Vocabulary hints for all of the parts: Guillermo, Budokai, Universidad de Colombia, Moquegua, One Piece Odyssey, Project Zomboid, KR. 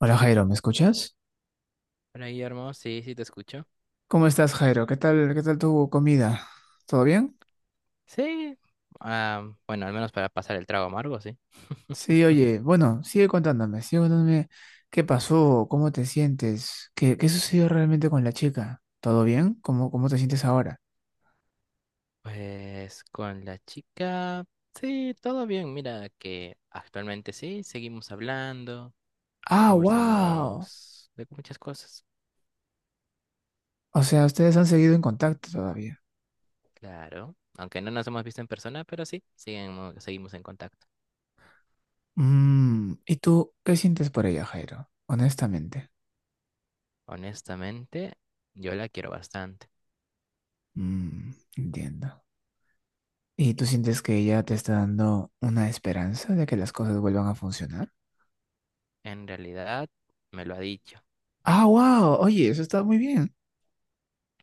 Hola Jairo, ¿me escuchas? Hola Guillermo, sí, sí te escucho. ¿Cómo estás, Jairo? Qué tal tu comida? ¿Todo bien? Sí, ah, bueno, al menos para pasar el trago amargo, sí. Sí, oye, bueno, sigue contándome qué pasó, cómo te sientes, qué sucedió realmente con la chica. ¿Todo bien? ¿Cómo, cómo te sientes ahora? Pues con la chica, sí, todo bien. Mira que actualmente sí, seguimos hablando, Ah, wow. conversamos de muchas cosas, O sea, ustedes han seguido en contacto todavía. claro. Aunque no nos hemos visto en persona, pero sí, seguimos en contacto. Mm, ¿y tú qué sientes por ella, Jairo? Honestamente. Honestamente, yo la quiero bastante. Mm, entiendo. ¿Y tú sientes que ella te está dando una esperanza de que las cosas vuelvan a funcionar? En realidad, me lo ha dicho. Ah, wow. Oye, eso está muy bien.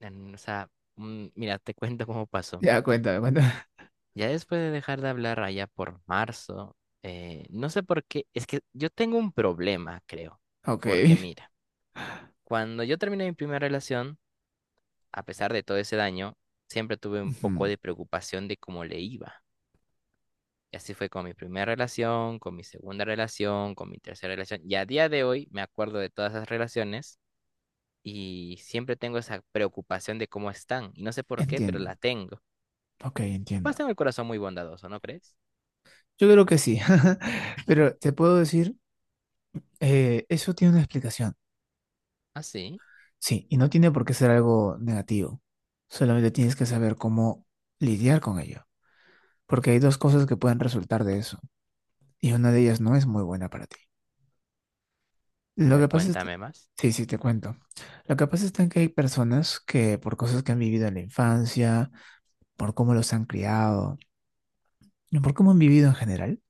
En- o sea, Mira, te cuento cómo pasó. Ya, cuéntame, cuéntame. Ya después de dejar de hablar allá por marzo, no sé por qué, es que yo tengo un problema, creo, Ok. porque mira, cuando yo terminé mi primera relación, a pesar de todo ese daño, siempre tuve un poco Ujú. de preocupación de cómo le iba. Y así fue con mi primera relación, con mi segunda relación, con mi tercera relación. Y a día de hoy me acuerdo de todas esas relaciones y siempre tengo esa preocupación de cómo están. Y no sé por qué, pero Entiendo. la tengo. Ok, Capaz entiendo. tengo el corazón muy bondadoso, ¿no crees? Yo creo que sí. Pero te puedo decir, eso tiene una explicación. Así. Sí, y no tiene por qué ser algo negativo. Solamente tienes que saber cómo lidiar con ello. Porque hay dos cosas que pueden resultar de eso. Y una de ellas no es muy buena para ti. A Lo que ver, pasa es... cuéntame más. Sí, sí, te cuento. Lo que pasa es que hay personas que por cosas que han vivido en la infancia, por cómo los han criado y por cómo han vivido en general,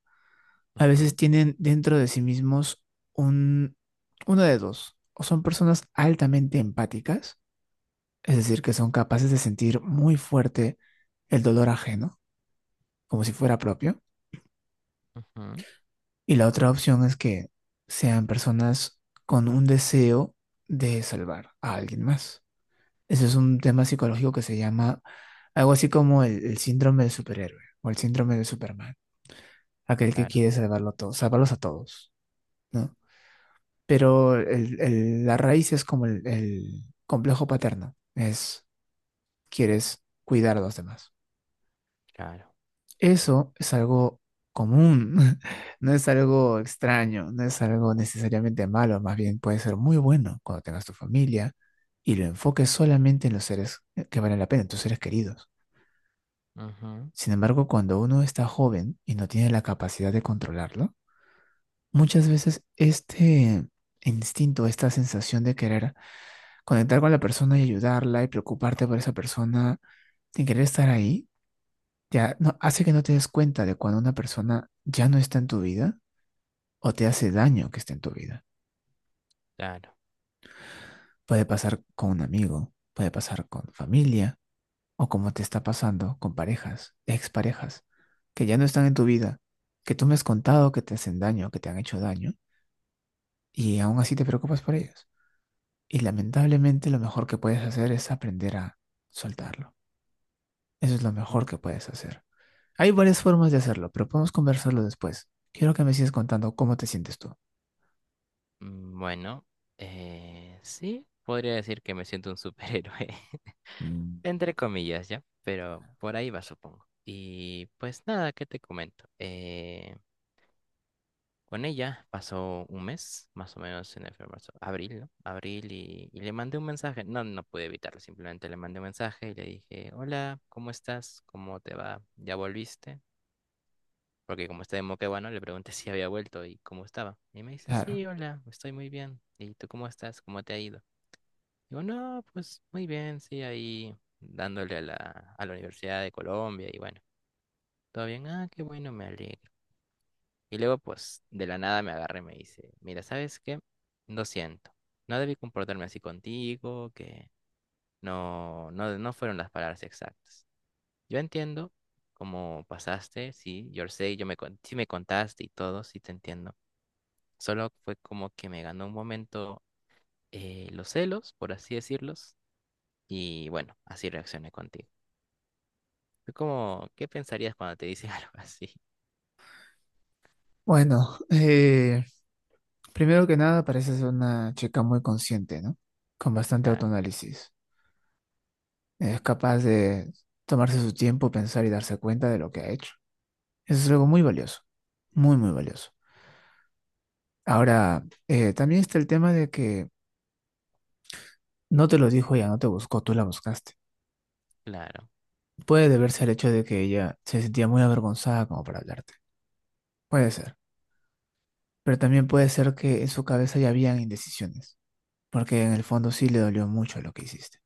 a veces Ujú, tienen dentro de sí mismos un, uno de dos, o son personas altamente empáticas, es decir, que son capaces de sentir muy fuerte el dolor ajeno, como si fuera propio, ujú, y la otra opción es que sean personas con un deseo de salvar a alguien más. Ese es un tema psicológico que se llama algo así como el síndrome del superhéroe o el síndrome de Superman, aquel que claro, quiere salvarlo a todos, salvarlos a todos, ¿no? Pero la raíz es como el complejo paterno, es quieres cuidar a los demás. claro. Eso es algo común, no es algo extraño, no es algo necesariamente malo, más bien puede ser muy bueno cuando tengas tu familia y lo enfoques solamente en los seres que valen la pena, en tus seres queridos. Ujú, Sin embargo, cuando uno está joven y no tiene la capacidad de controlarlo, muchas veces este instinto, esta sensación de querer conectar con la persona y ayudarla y preocuparte por esa persona sin querer estar ahí, ya no, hace que no te des cuenta de cuando una persona ya no está en tu vida o te hace daño que esté en tu vida. claro. Puede pasar con un amigo, puede pasar con familia o como te está pasando con parejas, exparejas, que ya no están en tu vida, que tú me has contado que te hacen daño, que te han hecho daño y aún así te preocupas por ellas. Y lamentablemente lo mejor que puedes hacer es aprender a soltarlo. Eso es lo Mm, mejor que puedes hacer. Hay varias formas de hacerlo, pero podemos conversarlo después. Quiero que me sigas contando cómo te sientes tú. mm, bueno, sí, podría decir que me siento un superhéroe, Mm, entre comillas, ¿ya? Pero por ahí va, supongo. Y pues nada, ¿qué te comento? Con ella pasó un mes, más o menos en el febrero, marzo, abril, ¿no? Abril y le mandé un mensaje. No, no pude evitarlo, simplemente le mandé un mensaje y le dije, hola, ¿cómo estás? ¿Cómo te va? ¿Ya volviste? Porque como está de Moquegua, ¿no? Le pregunté si había vuelto y cómo estaba. Y me dice, claro. sí, hola, estoy muy bien. ¿Y tú cómo estás? ¿Cómo te ha ido? Digo, no, pues muy bien, sí, ahí dándole a la Universidad de Colombia y bueno, todo bien, ah, qué bueno, me alegro. Y luego, pues, de la nada me agarra y me dice, mira, ¿sabes qué? Lo siento, no debí comportarme así contigo, que no, no, no fueron las palabras exactas. Yo entiendo cómo pasaste, sí, yo sé, sí me contaste y todo, sí te entiendo. Solo fue como que me ganó un momento los celos, por así decirlos, y bueno, así reaccioné contigo. Fue como, ¿qué pensarías cuando te dicen algo así? Bueno, primero que nada, pareces una chica muy consciente, ¿no? Con bastante Claro, autoanálisis. Es capaz de tomarse su tiempo, pensar y darse cuenta de lo que ha hecho. Eso es algo muy valioso, muy, muy valioso. Ahora, también está el tema de que no te lo dijo ella, no te buscó, tú la buscaste. claro, Puede deberse al hecho de que ella se sentía muy avergonzada como para hablarte. Puede ser. Pero también puede ser que en su cabeza ya habían indecisiones, porque en el fondo sí le dolió mucho lo que hiciste.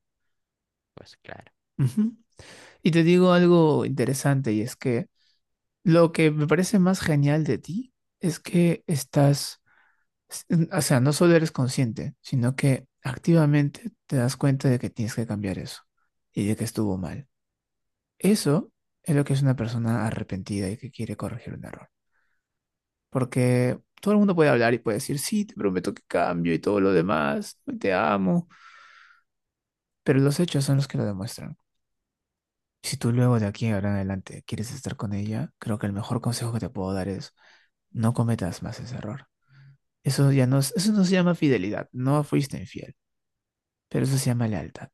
pues claro, Ujú. Y te digo algo interesante y es que lo que me parece más genial de ti es que s- o sea, no solo eres consciente, sino que activamente te das cuenta de que tienes que cambiar eso y de que estuvo mal. Eso es lo que es una persona arrepentida y que quiere corregir un error. Porque todo el mundo puede hablar y puede decir, sí, te prometo que cambio y todo lo demás, y te amo, pero los hechos son los que lo demuestran. Si tú luego de aquí ahora en adelante quieres estar con ella, creo que el mejor consejo que te puedo dar es no cometas más ese error. Eso ya no, eso no se llama fidelidad, no fuiste infiel, pero eso se llama lealtad.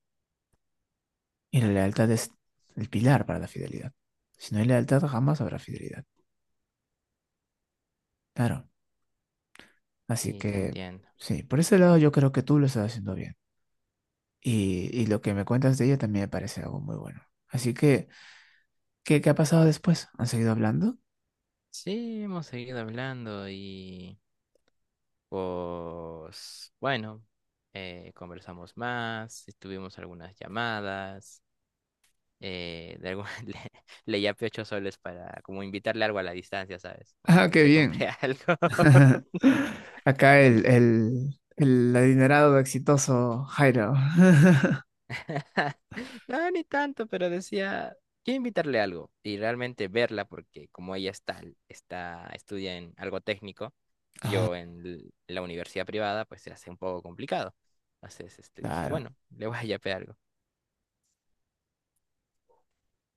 Y la claro. lealtad es el pilar para la fidelidad. Si no hay lealtad, jamás habrá fidelidad. Claro. Así Sí, te que, entiendo. sí, por ese lado yo creo que tú lo estás haciendo bien. Y lo que me cuentas de ella también me parece algo muy bueno. Así que, ¿qué, qué ha pasado después? ¿Han seguido hablando? Sí, hemos seguido hablando y pues bueno, conversamos más, tuvimos algunas llamadas, eh, de algún- le, le yapé 8 soles para como invitarle algo a la distancia, ¿sabes? Como Ah, para que qué se bien. compre algo. Acá el adinerado exitoso Jairo. No, ni tanto, pero decía, quiero invitarle algo y realmente verla porque como ella está, estudia en algo técnico y Ah, yo en la universidad privada, pues se hace un poco complicado. Entonces, este, dije, claro. bueno, le voy a yapear algo.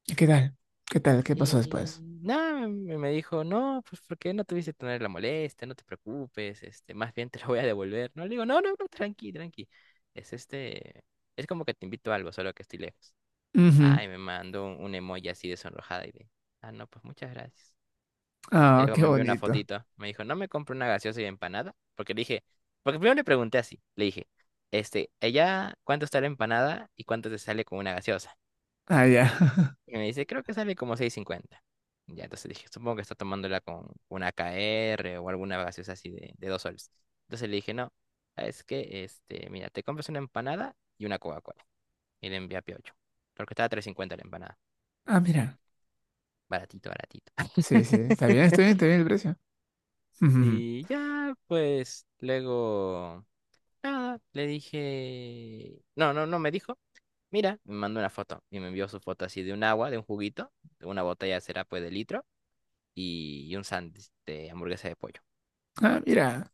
¿Y qué tal? ¿Qué tal? ¿Qué pasó Y después? nada, me dijo, no, pues porque no tuviste que tener la molestia, no te preocupes, este, más bien te lo voy a devolver. No, le digo, no, no, no, tranqui, tranqui. Es este, es como que te invito a algo, solo que estoy lejos. Ujú. Ay, me mandó un emoji así de sonrojada y de, ah, no, pues muchas gracias. Y Ah, luego qué me envió una bonito. fotito. Me dijo, ¿no me compro una gaseosa y empanada? Porque le dije, porque primero le pregunté así. Le dije, este, ella, ¿cuánto está la empanada y cuánto te sale con una gaseosa? Ah, ya. Y me dice, creo que sale como 6.50. Ya, entonces dije, supongo que está tomándola con una KR o alguna gaseosa así de 2 soles. Entonces le dije, no, es que, este, mira, te compras una empanada y una Coca-Cola. Y le envié a Piocho. Porque estaba 3.50 la empanada. Ah, mira. Baratito, baratito. Sí, sí. Está bien, está bien, está bien el precio. Ujú. Y ya, pues luego, nada, le dije, no, no, no me dijo, mira, me mandó una foto y me envió su foto así de un agua, de un juguito, de una botella será pues de litro y un sándwich de hamburguesa de pollo. Ah, mira.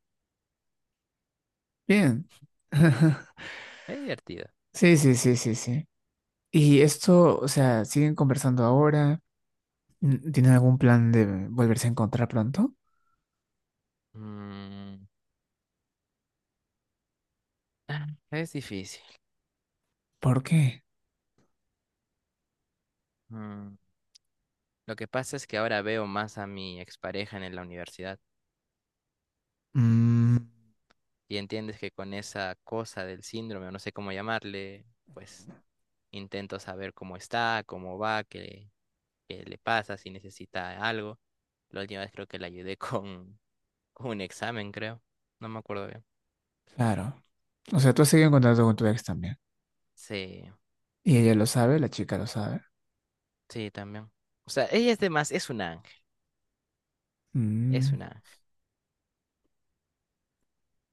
Bien. Es divertido. Sí, sí, sí, sí, sí. Y esto, o sea, siguen conversando ahora. Mm, ¿tienen algún plan de volverse a encontrar pronto? Mm, ah, es difícil. ¿Por qué? Mm, lo que pasa es que ahora veo más a mi expareja en la universidad Mm, y entiendes que con esa cosa del síndrome, o no sé cómo llamarle, pues intento saber cómo está, cómo va, que qué le pasa, si necesita algo. La última vez creo que le ayudé con un examen, creo. No me acuerdo bien. claro. O sea, tú has seguido en contacto con tu ex también. Sí, Y ella lo sabe, la chica lo sabe. sí, también. O sea, ella es de más, es un ángel, es Mm, un ángel.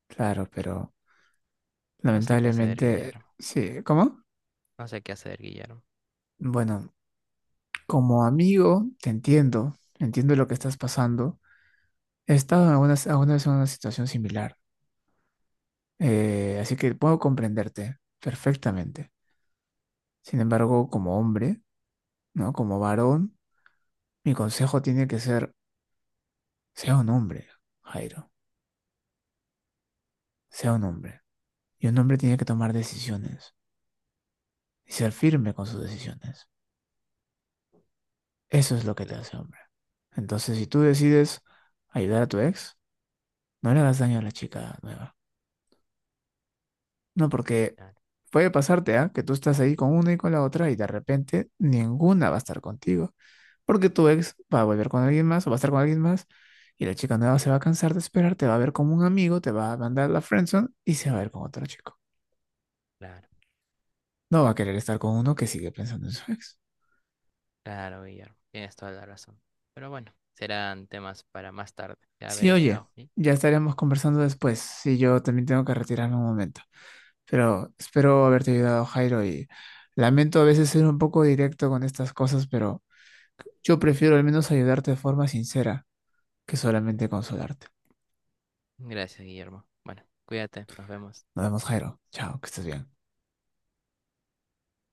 claro, pero No sé qué hacer, lamentablemente, Guillermo. sí. ¿Cómo? No sé qué hacer, Guillermo. Bueno, como amigo, te entiendo. Entiendo lo que estás pasando. He estado alguna vez en una situación similar. Así que puedo comprenderte perfectamente. Sin embargo, como hombre, ¿no? Como varón, mi consejo tiene que ser sea un hombre, Jairo, sea un hombre. Y un hombre tiene que tomar decisiones y ser firme con sus decisiones. Eso es lo que te Claro, hace hombre. Entonces, si tú decides ayudar a tu ex, no le hagas daño a la chica nueva. No, porque claro, puede pasarte, ¿ah? Que tú estás ahí con una y con la otra y de repente ninguna va a estar contigo. Porque tu ex va a volver con alguien más o va a estar con alguien más y la chica nueva se va a cansar de esperar, te va a ver como un amigo, te va a mandar la friendzone y se va a ver con otro chico. claro, No va a querer estar con uno que sigue pensando en su ex. claro, Guillermo. Tienes toda la razón. Pero bueno, serán temas para más tarde. Ya Sí, veré qué oye, hago. ¿Sí? ya estaremos conversando después. Sí, yo también tengo que retirarme un momento. Pero espero haberte ayudado, Jairo, y lamento a veces ser un poco directo con estas cosas, pero yo prefiero al menos ayudarte de forma sincera que solamente consolarte. Gracias, Guillermo. Bueno, cuídate, nos vemos. Nos vemos, Jairo. Chao, que estés bien.